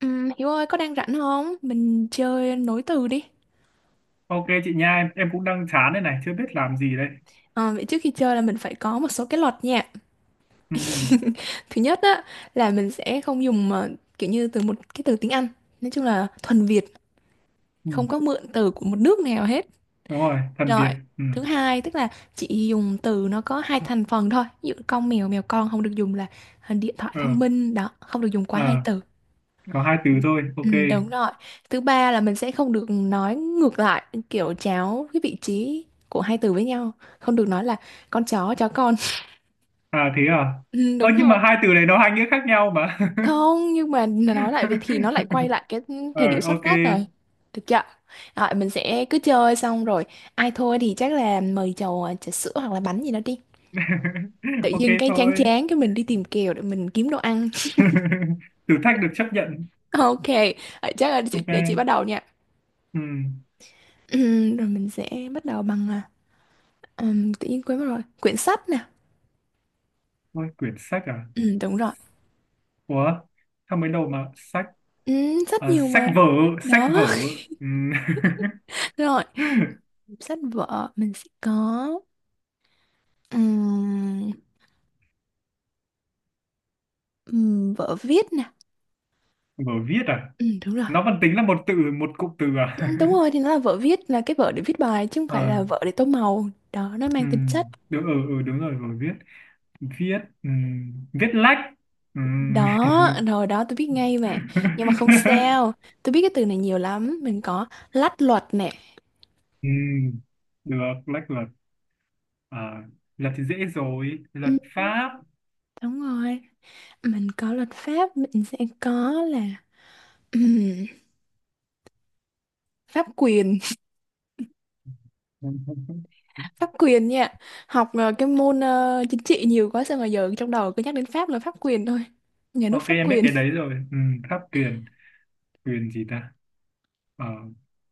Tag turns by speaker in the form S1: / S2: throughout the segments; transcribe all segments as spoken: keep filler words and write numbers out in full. S1: Ừm, Hiếu ơi có đang rảnh không? Mình chơi nối từ đi.
S2: Ok chị nha, em, em cũng đang chán đây này, chưa biết làm gì đây.
S1: Ờ, Vậy trước khi chơi là mình phải có một số cái luật nha.
S2: Ừ, ừ,
S1: Thứ nhất á là mình sẽ không dùng ờ, kiểu như từ một cái từ tiếng Anh. Nói chung là thuần Việt,
S2: ừ.
S1: không có mượn từ của một nước nào hết.
S2: Đúng rồi, thần
S1: Rồi.
S2: Việt. Ừ.
S1: Thứ hai tức là chỉ dùng từ nó có hai thành phần thôi. Ví dụ con mèo, mèo con, không được dùng là ờ, điện thoại
S2: Ờ,
S1: thông minh đó, không được dùng quá hai
S2: ờ,
S1: từ.
S2: có hai từ thôi, ok.
S1: Ừ, đúng rồi. Thứ ba là mình sẽ không được nói ngược lại, kiểu chéo cái vị trí của hai từ với nhau. Không được nói là con chó, chó con.
S2: À thế à?
S1: Ừ,
S2: Ơ
S1: đúng
S2: nhưng
S1: rồi.
S2: mà hai từ này nó hai nghĩa khác nhau mà.
S1: Không, nhưng mà nói lại vậy thì nó lại quay lại cái
S2: Ờ,
S1: thời điểm xuất
S2: ok.
S1: phát rồi. Được chưa? Rồi, mình sẽ cứ chơi xong rồi. Ai thôi thì chắc là mời chầu ờ, trà sữa hoặc là bánh gì đó đi. Tự
S2: Ok
S1: nhiên cái chán
S2: thôi.
S1: chán cái mình đi tìm kèo để mình kiếm đồ ăn.
S2: Thử thách được chấp nhận.
S1: Ok, ờ, chắc là chị-
S2: Ok.
S1: để chị bắt đầu nha.
S2: Ừ.
S1: Ừm, rồi mình sẽ bắt đầu bằng à, ừm, tự nhiên quên mất rồi. Quyển sách nè.
S2: Ôi, quyển sách à?
S1: Ừ, đúng rồi.
S2: Ủa? Sao mới đầu mà sách?
S1: Ừ, rất
S2: À,
S1: nhiều
S2: sách
S1: mà.
S2: vở, sách
S1: Đó,
S2: vở. Ừ.
S1: rồi. Sách vở mình sẽ có ừm, ừm, vở viết nè.
S2: Vở viết à?
S1: Ừ, đúng rồi.
S2: Nó vẫn tính là một từ một cụm từ
S1: Ừ,
S2: à?
S1: đúng rồi, thì nó là vở viết, là cái vở để viết bài chứ không phải
S2: ờ,
S1: là vở để tô màu. Đó, nó
S2: ừ,
S1: mang tính chất.
S2: đúng. Ừ, ừ đúng rồi. Rồi viết, viết. Ừ. Viết lách. Ừ.
S1: Đó, rồi đó tôi biết ngay mà. Nhưng mà không sao. Tôi biết cái từ này nhiều lắm. Mình có lách luật nè.
S2: ừ. Được lách luật. À, luật thì dễ rồi.
S1: Ừ,
S2: Luật pháp.
S1: đúng rồi. Mình có luật pháp, mình sẽ có là pháp quyền. Pháp quyền nha, học ờ, cái môn ờ, chính trị nhiều quá sao mà giờ trong đầu cứ nhắc đến Pháp là pháp quyền thôi, nhà nước
S2: ok
S1: pháp
S2: em biết
S1: quyền.
S2: cái đấy rồi. Ừ. Pháp quyền. Quyền gì ta? Ờ,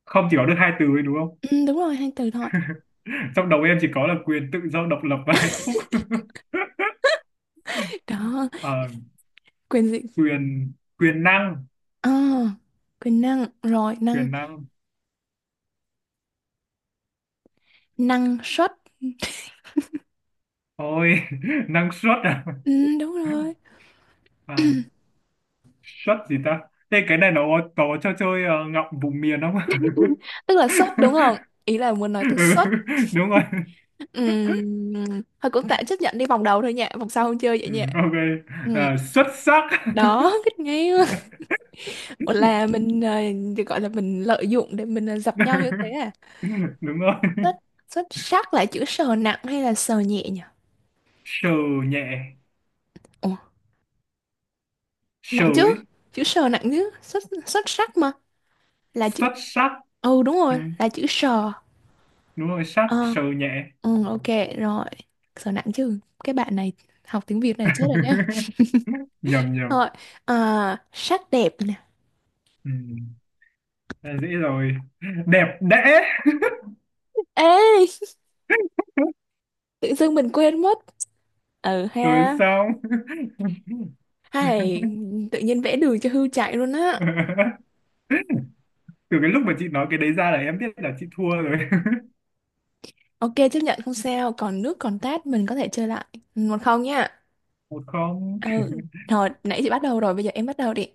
S2: không chỉ có được hai từ ấy đúng không?
S1: Ừ, đúng rồi, hai từ thôi.
S2: trong đầu em chỉ có là quyền tự do độc lập và hạnh phúc.
S1: Đó,
S2: ờ,
S1: quyền gì.
S2: quyền quyền năng.
S1: à, Quyền năng. Rồi năng,
S2: Quyền năng.
S1: năng suất.
S2: Ôi, năng suất à?
S1: Ừ, đúng rồi.
S2: À, suất gì ta? Thế cái này nó có cho chơi ờ, ngọng vùng miền không?
S1: Tức là suất đúng không, ý là muốn nói
S2: ừ,
S1: từ suất.
S2: đúng rồi.
S1: Ừ, thôi cũng tạm chấp nhận đi, vòng đầu thôi nha, vòng sau không chơi vậy
S2: Ừ,
S1: nha.
S2: ok.
S1: Ừ.
S2: À, xuất sắc.
S1: Đó, biết ngay. Ủa là mình ờ, được gọi là mình lợi dụng để mình ờ, dập nhau như thế à?
S2: Đúng rồi.
S1: Xuất, xuất sắc là chữ sờ nặng hay là sờ nhẹ nhỉ?
S2: Sờ nhẹ.
S1: Ồ,
S2: Sờ
S1: nặng chứ.
S2: ấy.
S1: Chữ sờ nặng chứ. Xuất, xuất sắc mà. Là chữ.
S2: Xuất sắc.
S1: Ừ đúng
S2: Ừ,
S1: rồi, là chữ sờ.
S2: đúng rồi, sắc,
S1: Ờ,
S2: sờ nhẹ.
S1: ừ, ok rồi. Sờ nặng chứ. Cái bạn này học tiếng Việt này chết rồi nhá.
S2: Nhầm nhầm.
S1: Rồi, à, sắc đẹp nè.
S2: Ừ, đã dễ rồi. Đẹp đẽ.
S1: Ê, tự dưng mình quên mất. Ừ
S2: Rồi
S1: ha.
S2: sao?
S1: Hay, tự nhiên vẽ đường cho hươu chạy luôn á.
S2: từ cái lúc mà chị nói cái đấy ra là em biết là chị thua rồi.
S1: Ok chấp nhận không sao, còn nước còn tát mình có thể chơi lại. Một không nha.
S2: một không.
S1: Ừ. Rồi, nãy chị bắt đầu rồi, bây giờ em bắt đầu đi.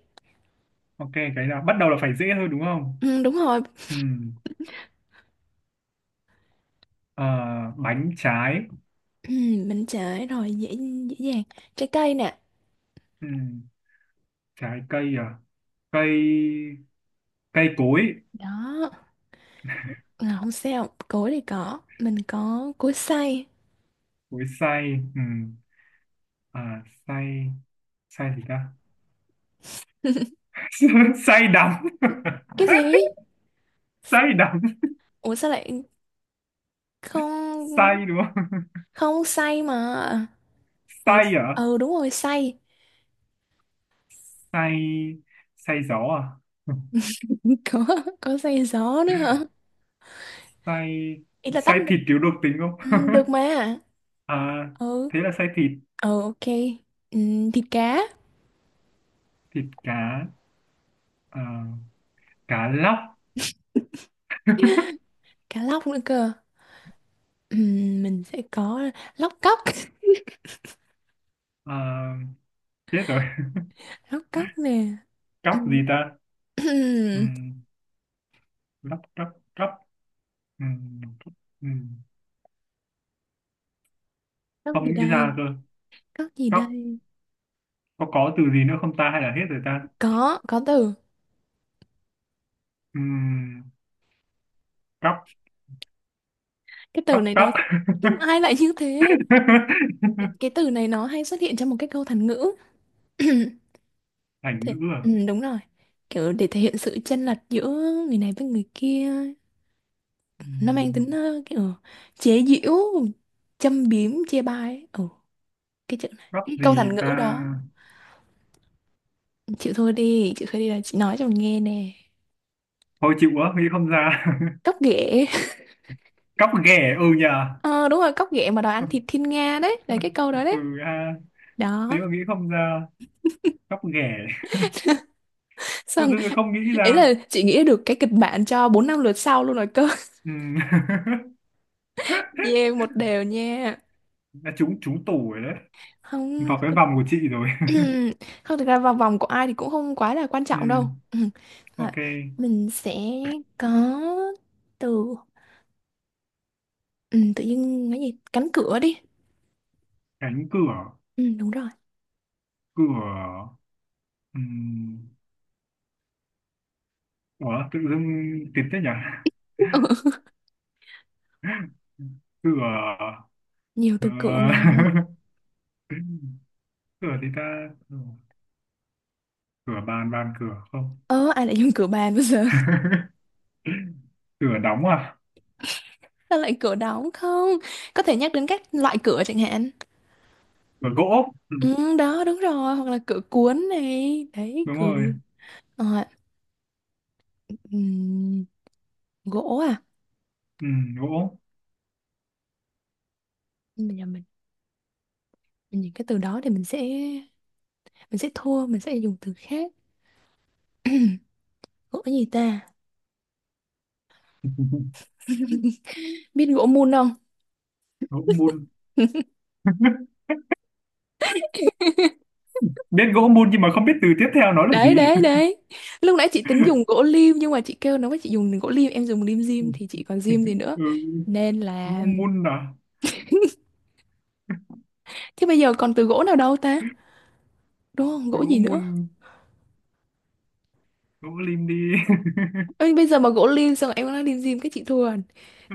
S2: Ok cái nào bắt đầu là phải dễ thôi đúng không?
S1: Ừ, đúng rồi.
S2: Ừ. Ờ, bánh trái.
S1: Mình trễ rồi, dễ dễ dàng. Trái cây nè.
S2: Ừ. Trái cây à? Cây. Cây cối.
S1: Đó, à, không sao, cối thì có, mình có cối xay.
S2: Cối xay. Ừ. À, xay. Xay gì ta? xay đắng.
S1: Cái gì?
S2: xay đắng.
S1: Ủa, sao lại. Không,
S2: Xay đúng không?
S1: không xay mà. Ủa,
S2: xay à?
S1: ừ đúng rồi, xay.
S2: Xay. Xay gió à?
S1: có có xay gió nữa hả?
S2: xay.
S1: Ý là tách
S2: Xay
S1: được.
S2: thịt thiếu độc tính
S1: Ừ,
S2: không?
S1: được mà.
S2: à,
S1: Ừ,
S2: thế là xay thịt.
S1: ừ, ok. Ừ, thịt cá.
S2: Thịt cá. À, cá lóc.
S1: Cá lóc nữa cơ. Ừ, mình sẽ có lóc cóc.
S2: à, chết rồi.
S1: Lóc cóc nè.
S2: cóc gì ta?
S1: Ừ,
S2: Ừm, lóc cóc. Cóc. Ừm, cóc. Ừm,
S1: lóc
S2: không
S1: gì
S2: nghĩ
S1: đây.
S2: ra cơ.
S1: Cóc gì
S2: Cóc.
S1: đây?
S2: Có có từ gì nữa không ta hay là hết rồi ta?
S1: Có, có từ.
S2: Ừm, cóc.
S1: Cái từ
S2: Cóc
S1: này
S2: cóc.
S1: nó. Ai lại như thế? Cái, cái từ này nó hay xuất hiện trong một cái câu thành ngữ.
S2: thành
S1: Thế,
S2: ngữ à?
S1: ừ, đúng rồi. Kiểu để thể hiện sự chênh lệch giữa người này với người kia. Nó mang tính
S2: Ừm,
S1: ờ, kiểu chế giễu, châm biếm, chê bai ấy. Ừ, cái chữ này.
S2: cóc
S1: Cái câu
S2: gì
S1: thành ngữ
S2: ta?
S1: đó. Chịu thôi đi, chịu thôi đi, là chị nói cho mình nghe nè.
S2: Thôi chịu quá nghĩ không ra.
S1: Cóc ghẻ.
S2: cóc ghẻ ừ nhờ.
S1: Ờ, đúng rồi, cóc ghẻ mà đòi ăn thịt thiên nga đấy. Là cái câu đó
S2: ừ
S1: đấy.
S2: ha. Thế
S1: Đó.
S2: mà nghĩ không ra. Cóc ghẻ. Tự
S1: Sao.
S2: dưng lại không nghĩ
S1: Ý
S2: ra.
S1: là chị nghĩ được cái kịch bản cho bốn năm lượt sau luôn rồi cơ.
S2: Ừ.
S1: Yeah, một đều nha.
S2: đã trúng trúng tủ rồi đấy.
S1: Không,
S2: Vào cái vòng của chị rồi.
S1: không thực ra vào vòng của ai thì cũng không quá là quan
S2: ừ.
S1: trọng đâu. Ừ. Rồi,
S2: Ok
S1: mình sẽ có từ, ừ, tự nhiên cái gì? Cánh cửa đi.
S2: cánh cửa.
S1: Ừ, đúng rồi.
S2: Cửa. Ừ. Ủa tự dưng tìm thế nhỉ?
S1: Ừ,
S2: Cửa.
S1: nhiều
S2: ờ,
S1: từ cửa mà.
S2: cửa thì ta? Cửa bàn bàn cửa không?
S1: Ơ, ai lại dùng cửa bàn bây giờ?
S2: cửa đóng à?
S1: Sao lại cửa đóng không? Có thể nhắc đến các loại cửa chẳng hạn.
S2: Cửa gỗ. Ừ.
S1: Ừ, đó, đúng rồi. Hoặc là cửa cuốn này. Đấy,
S2: Đúng
S1: cửa.
S2: rồi.
S1: Ờ, ừ. Gỗ à?
S2: Ừ. Gỗ.
S1: Nhưng mà giờ mình mình nhìn cái từ đó thì mình sẽ mình sẽ thua, mình sẽ dùng từ khác. Gỗ gì ta? Biết gỗ mun không?
S2: gỗ mun. Biết gỗ mun nhưng mà không biết từ tiếp theo nó là
S1: Đấy
S2: gì.
S1: đấy đấy. Lúc nãy chị tính dùng gỗ lim nhưng mà chị kêu nó, với chị dùng gỗ lim em dùng lim dim thì chị còn dim gì nữa,
S2: ừ.
S1: nên
S2: Gỗ
S1: là,
S2: mun à?
S1: chứ bây giờ còn từ gỗ nào đâu ta, đúng không, gỗ
S2: Gỗ
S1: gì nữa.
S2: mun. Gỗ lim đi.
S1: Ê, bây giờ mà gỗ lim xong rồi em nói lim dim cái chị thua rồi.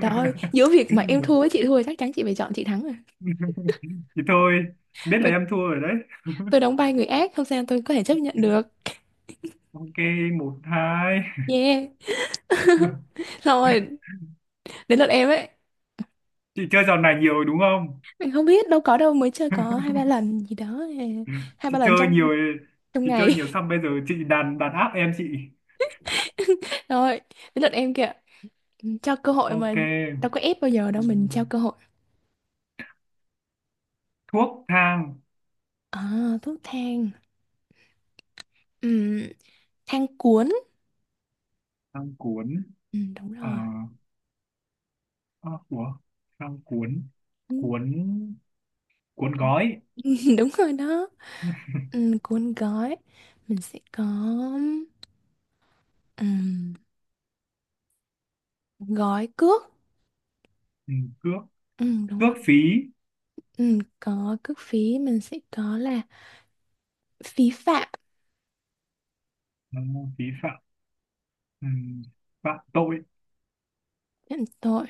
S1: Trời ơi, giữa việc mà em thua với chị thua chắc chắn chị phải chọn chị thắng rồi.
S2: thì thôi biết là
S1: tôi
S2: em thua rồi đấy.
S1: tôi đóng vai người ác không sao, tôi có thể chấp nhận được.
S2: Ok một hai.
S1: Yeah. Xong rồi, đến lượt em ấy.
S2: chị chơi trò này nhiều rồi đúng không?
S1: Mình không biết đâu, có đâu, mới chơi có hai ba lần gì đó à, hai ba
S2: chị
S1: lần
S2: chơi
S1: trong
S2: nhiều.
S1: trong
S2: Chị chơi nhiều
S1: ngày.
S2: xong bây giờ chị đàn đàn áp em chị.
S1: Rồi, đến lượt em kìa. Ừ, cho cơ hội mà,
S2: Ok.
S1: đâu có ép bao giờ đâu, mình
S2: Ừm,
S1: trao cơ hội.
S2: thuốc thang.
S1: À, thuốc thang. Ừm, Thang cuốn.
S2: Thang cuốn.
S1: Ừm, đúng
S2: ờ
S1: rồi.
S2: À, của thang cuốn.
S1: Ừm,
S2: Cuốn cuốn gói.
S1: đúng rồi đó. Ừm, cuốn gói, mình sẽ có ừm, gói cước.
S2: Ừ, cước.
S1: Ừm, đúng
S2: Cước
S1: rồi.
S2: phí.
S1: Ừm, có cước phí, mình sẽ có là phí phạm.
S2: Ừ, phí phạm. Ừ, phạm tội.
S1: Phạm tội.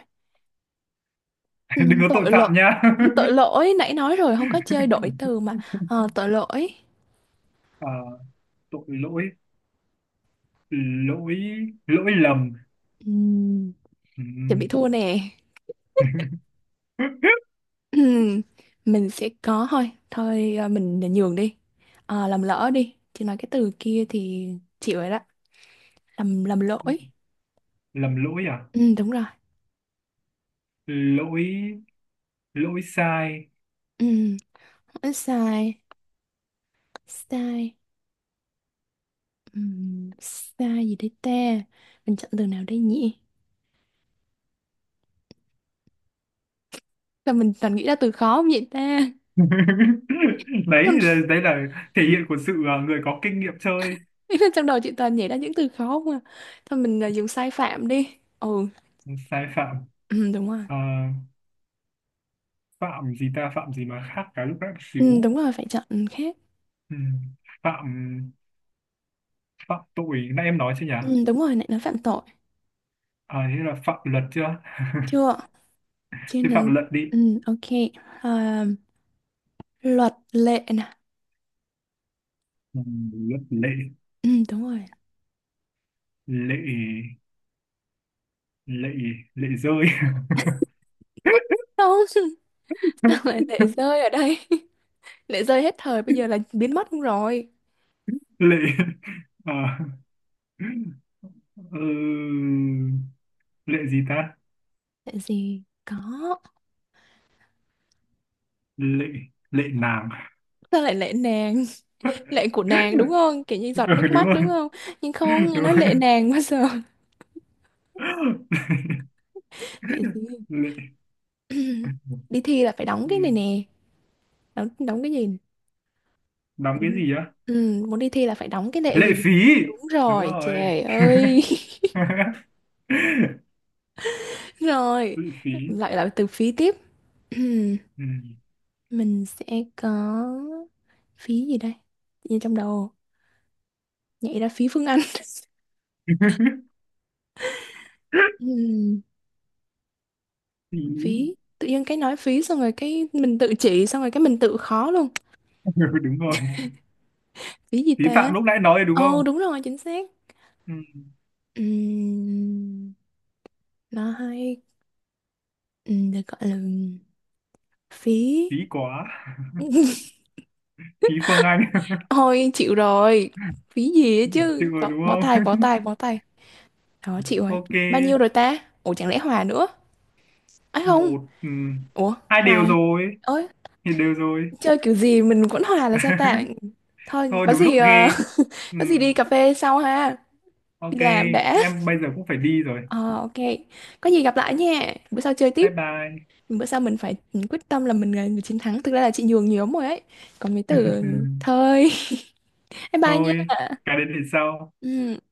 S1: Ừ,
S2: đừng có tội
S1: tội lỗi.
S2: phạm nha.
S1: Tội lỗi nãy nói rồi, không có chơi đổi từ mà. Ờ, tội lỗi.
S2: Ờ, tội lỗi. Lỗi lỗi lầm.
S1: Ừm,
S2: Ừ.
S1: Chuẩn bị thua nè. Ừm, mình sẽ có thôi thôi, à, mình nhường đi. Ờ, làm lỡ đi chị nói cái từ kia thì chịu rồi đó. Làm làm lỗi.
S2: lầm lỗi à?
S1: Ừm, đúng rồi.
S2: Lỗi. Lỗi sai.
S1: Ừm, Sai, sai. Ừm, sai gì đấy ta, mình chọn từ nào đây nhỉ, sao mình toàn nghĩ ra từ khó không vậy ta.
S2: đấy, đấy là thể hiện của sự à, người có kinh nghiệm chơi.
S1: Trong đầu chị toàn nhảy ra những từ khó không à. Thôi mình à, dùng sai phạm đi. Ừ,
S2: Sai phạm.
S1: ừ đúng rồi.
S2: Ờ, phạm gì ta? Phạm gì mà khác cả lúc nãy một
S1: Ừ,
S2: xíu?
S1: đúng rồi, phải chọn khác.
S2: Ừ. Phạm. Phạm tội nãy em nói chưa nhỉ?
S1: Ừ, đúng rồi, lại nói phạm tội.
S2: À thế là phạm luật chưa?
S1: Chưa trên
S2: Thế
S1: nấn.
S2: phạm luật đi.
S1: Ừ, ok. à, Luật lệ nè.
S2: Ừ, luật lệ.
S1: Ừ, đúng rồi.
S2: Lệ. Lệ. Lệ rơi.
S1: Không. Sao lại lệ rơi ở đây? Lệ rơi hết thời bây giờ là biến mất luôn rồi.
S2: lệ. À, ừ, lệ gì ta?
S1: Lệ gì có.
S2: Lệ. Lệ nàng.
S1: Sao lại lệ nàng? Lệ của nàng đúng không, kiểu như
S2: ừ,
S1: giọt nước
S2: đúng
S1: mắt
S2: rồi
S1: đúng không, nhưng không nghe
S2: đúng
S1: nói lệ
S2: rồi.
S1: nàng bao giờ. Lại gì?
S2: lệ.
S1: Đi thi là phải đóng cái này
S2: Ừ,
S1: nè. Đóng, đóng cái gì.
S2: đóng
S1: Ừ,
S2: cái gì á?
S1: Ừ, muốn đi thi là phải đóng cái nệ
S2: Lệ
S1: gì.
S2: phí.
S1: Đúng
S2: Đúng
S1: rồi
S2: rồi.
S1: trời ơi. Rồi,
S2: lệ phí.
S1: lại là từ phí tiếp.
S2: Ừ.
S1: Mình sẽ có phí gì đây, như trong đầu nhảy ra phí Phương Anh. Ừm,
S2: phí.
S1: Phí, tự nhiên cái nói phí xong rồi cái mình tự chỉ xong rồi cái mình tự khó luôn.
S2: Ừ, đúng rồi.
S1: Phí gì
S2: Phí
S1: ta?
S2: phạm lúc nãy nói đúng
S1: Ồ
S2: không?
S1: đúng rồi, chính xác.
S2: Ừ.
S1: Ừm, nó hay, ừ, được gọi là phí.
S2: Phí quá. Phí Phương Anh.
S1: Thôi chịu rồi, phí gì ấy
S2: chịu
S1: chứ,
S2: rồi
S1: bó,
S2: đúng
S1: bó tay
S2: không?
S1: bó tay bó tay. Đó, chịu ấy.
S2: ok.
S1: Bao nhiêu rồi ta, ủa chẳng lẽ hòa nữa ấy không.
S2: Một. Ừm,
S1: Ủa
S2: hai đều
S1: hòa
S2: rồi.
S1: ơi,
S2: Thì đều rồi.
S1: chơi kiểu gì mình vẫn hòa là sao ta. Thôi
S2: thôi
S1: có
S2: đúng lúc
S1: gì, ờ,
S2: ghê.
S1: có gì đi
S2: Ừm,
S1: cà phê sau ha. Đi
S2: ok.
S1: làm đã.
S2: Em bây giờ cũng phải đi rồi.
S1: Ờ ok, có gì gặp lại nha, bữa sau chơi tiếp.
S2: Bye bye.
S1: Bữa sau mình phải quyết tâm là mình là người chiến thắng, thực ra là chị nhường nhiều lắm rồi ấy, còn mấy từ. Thôi. Bye bye nha.
S2: thôi cái đến thì sau.
S1: Ừ.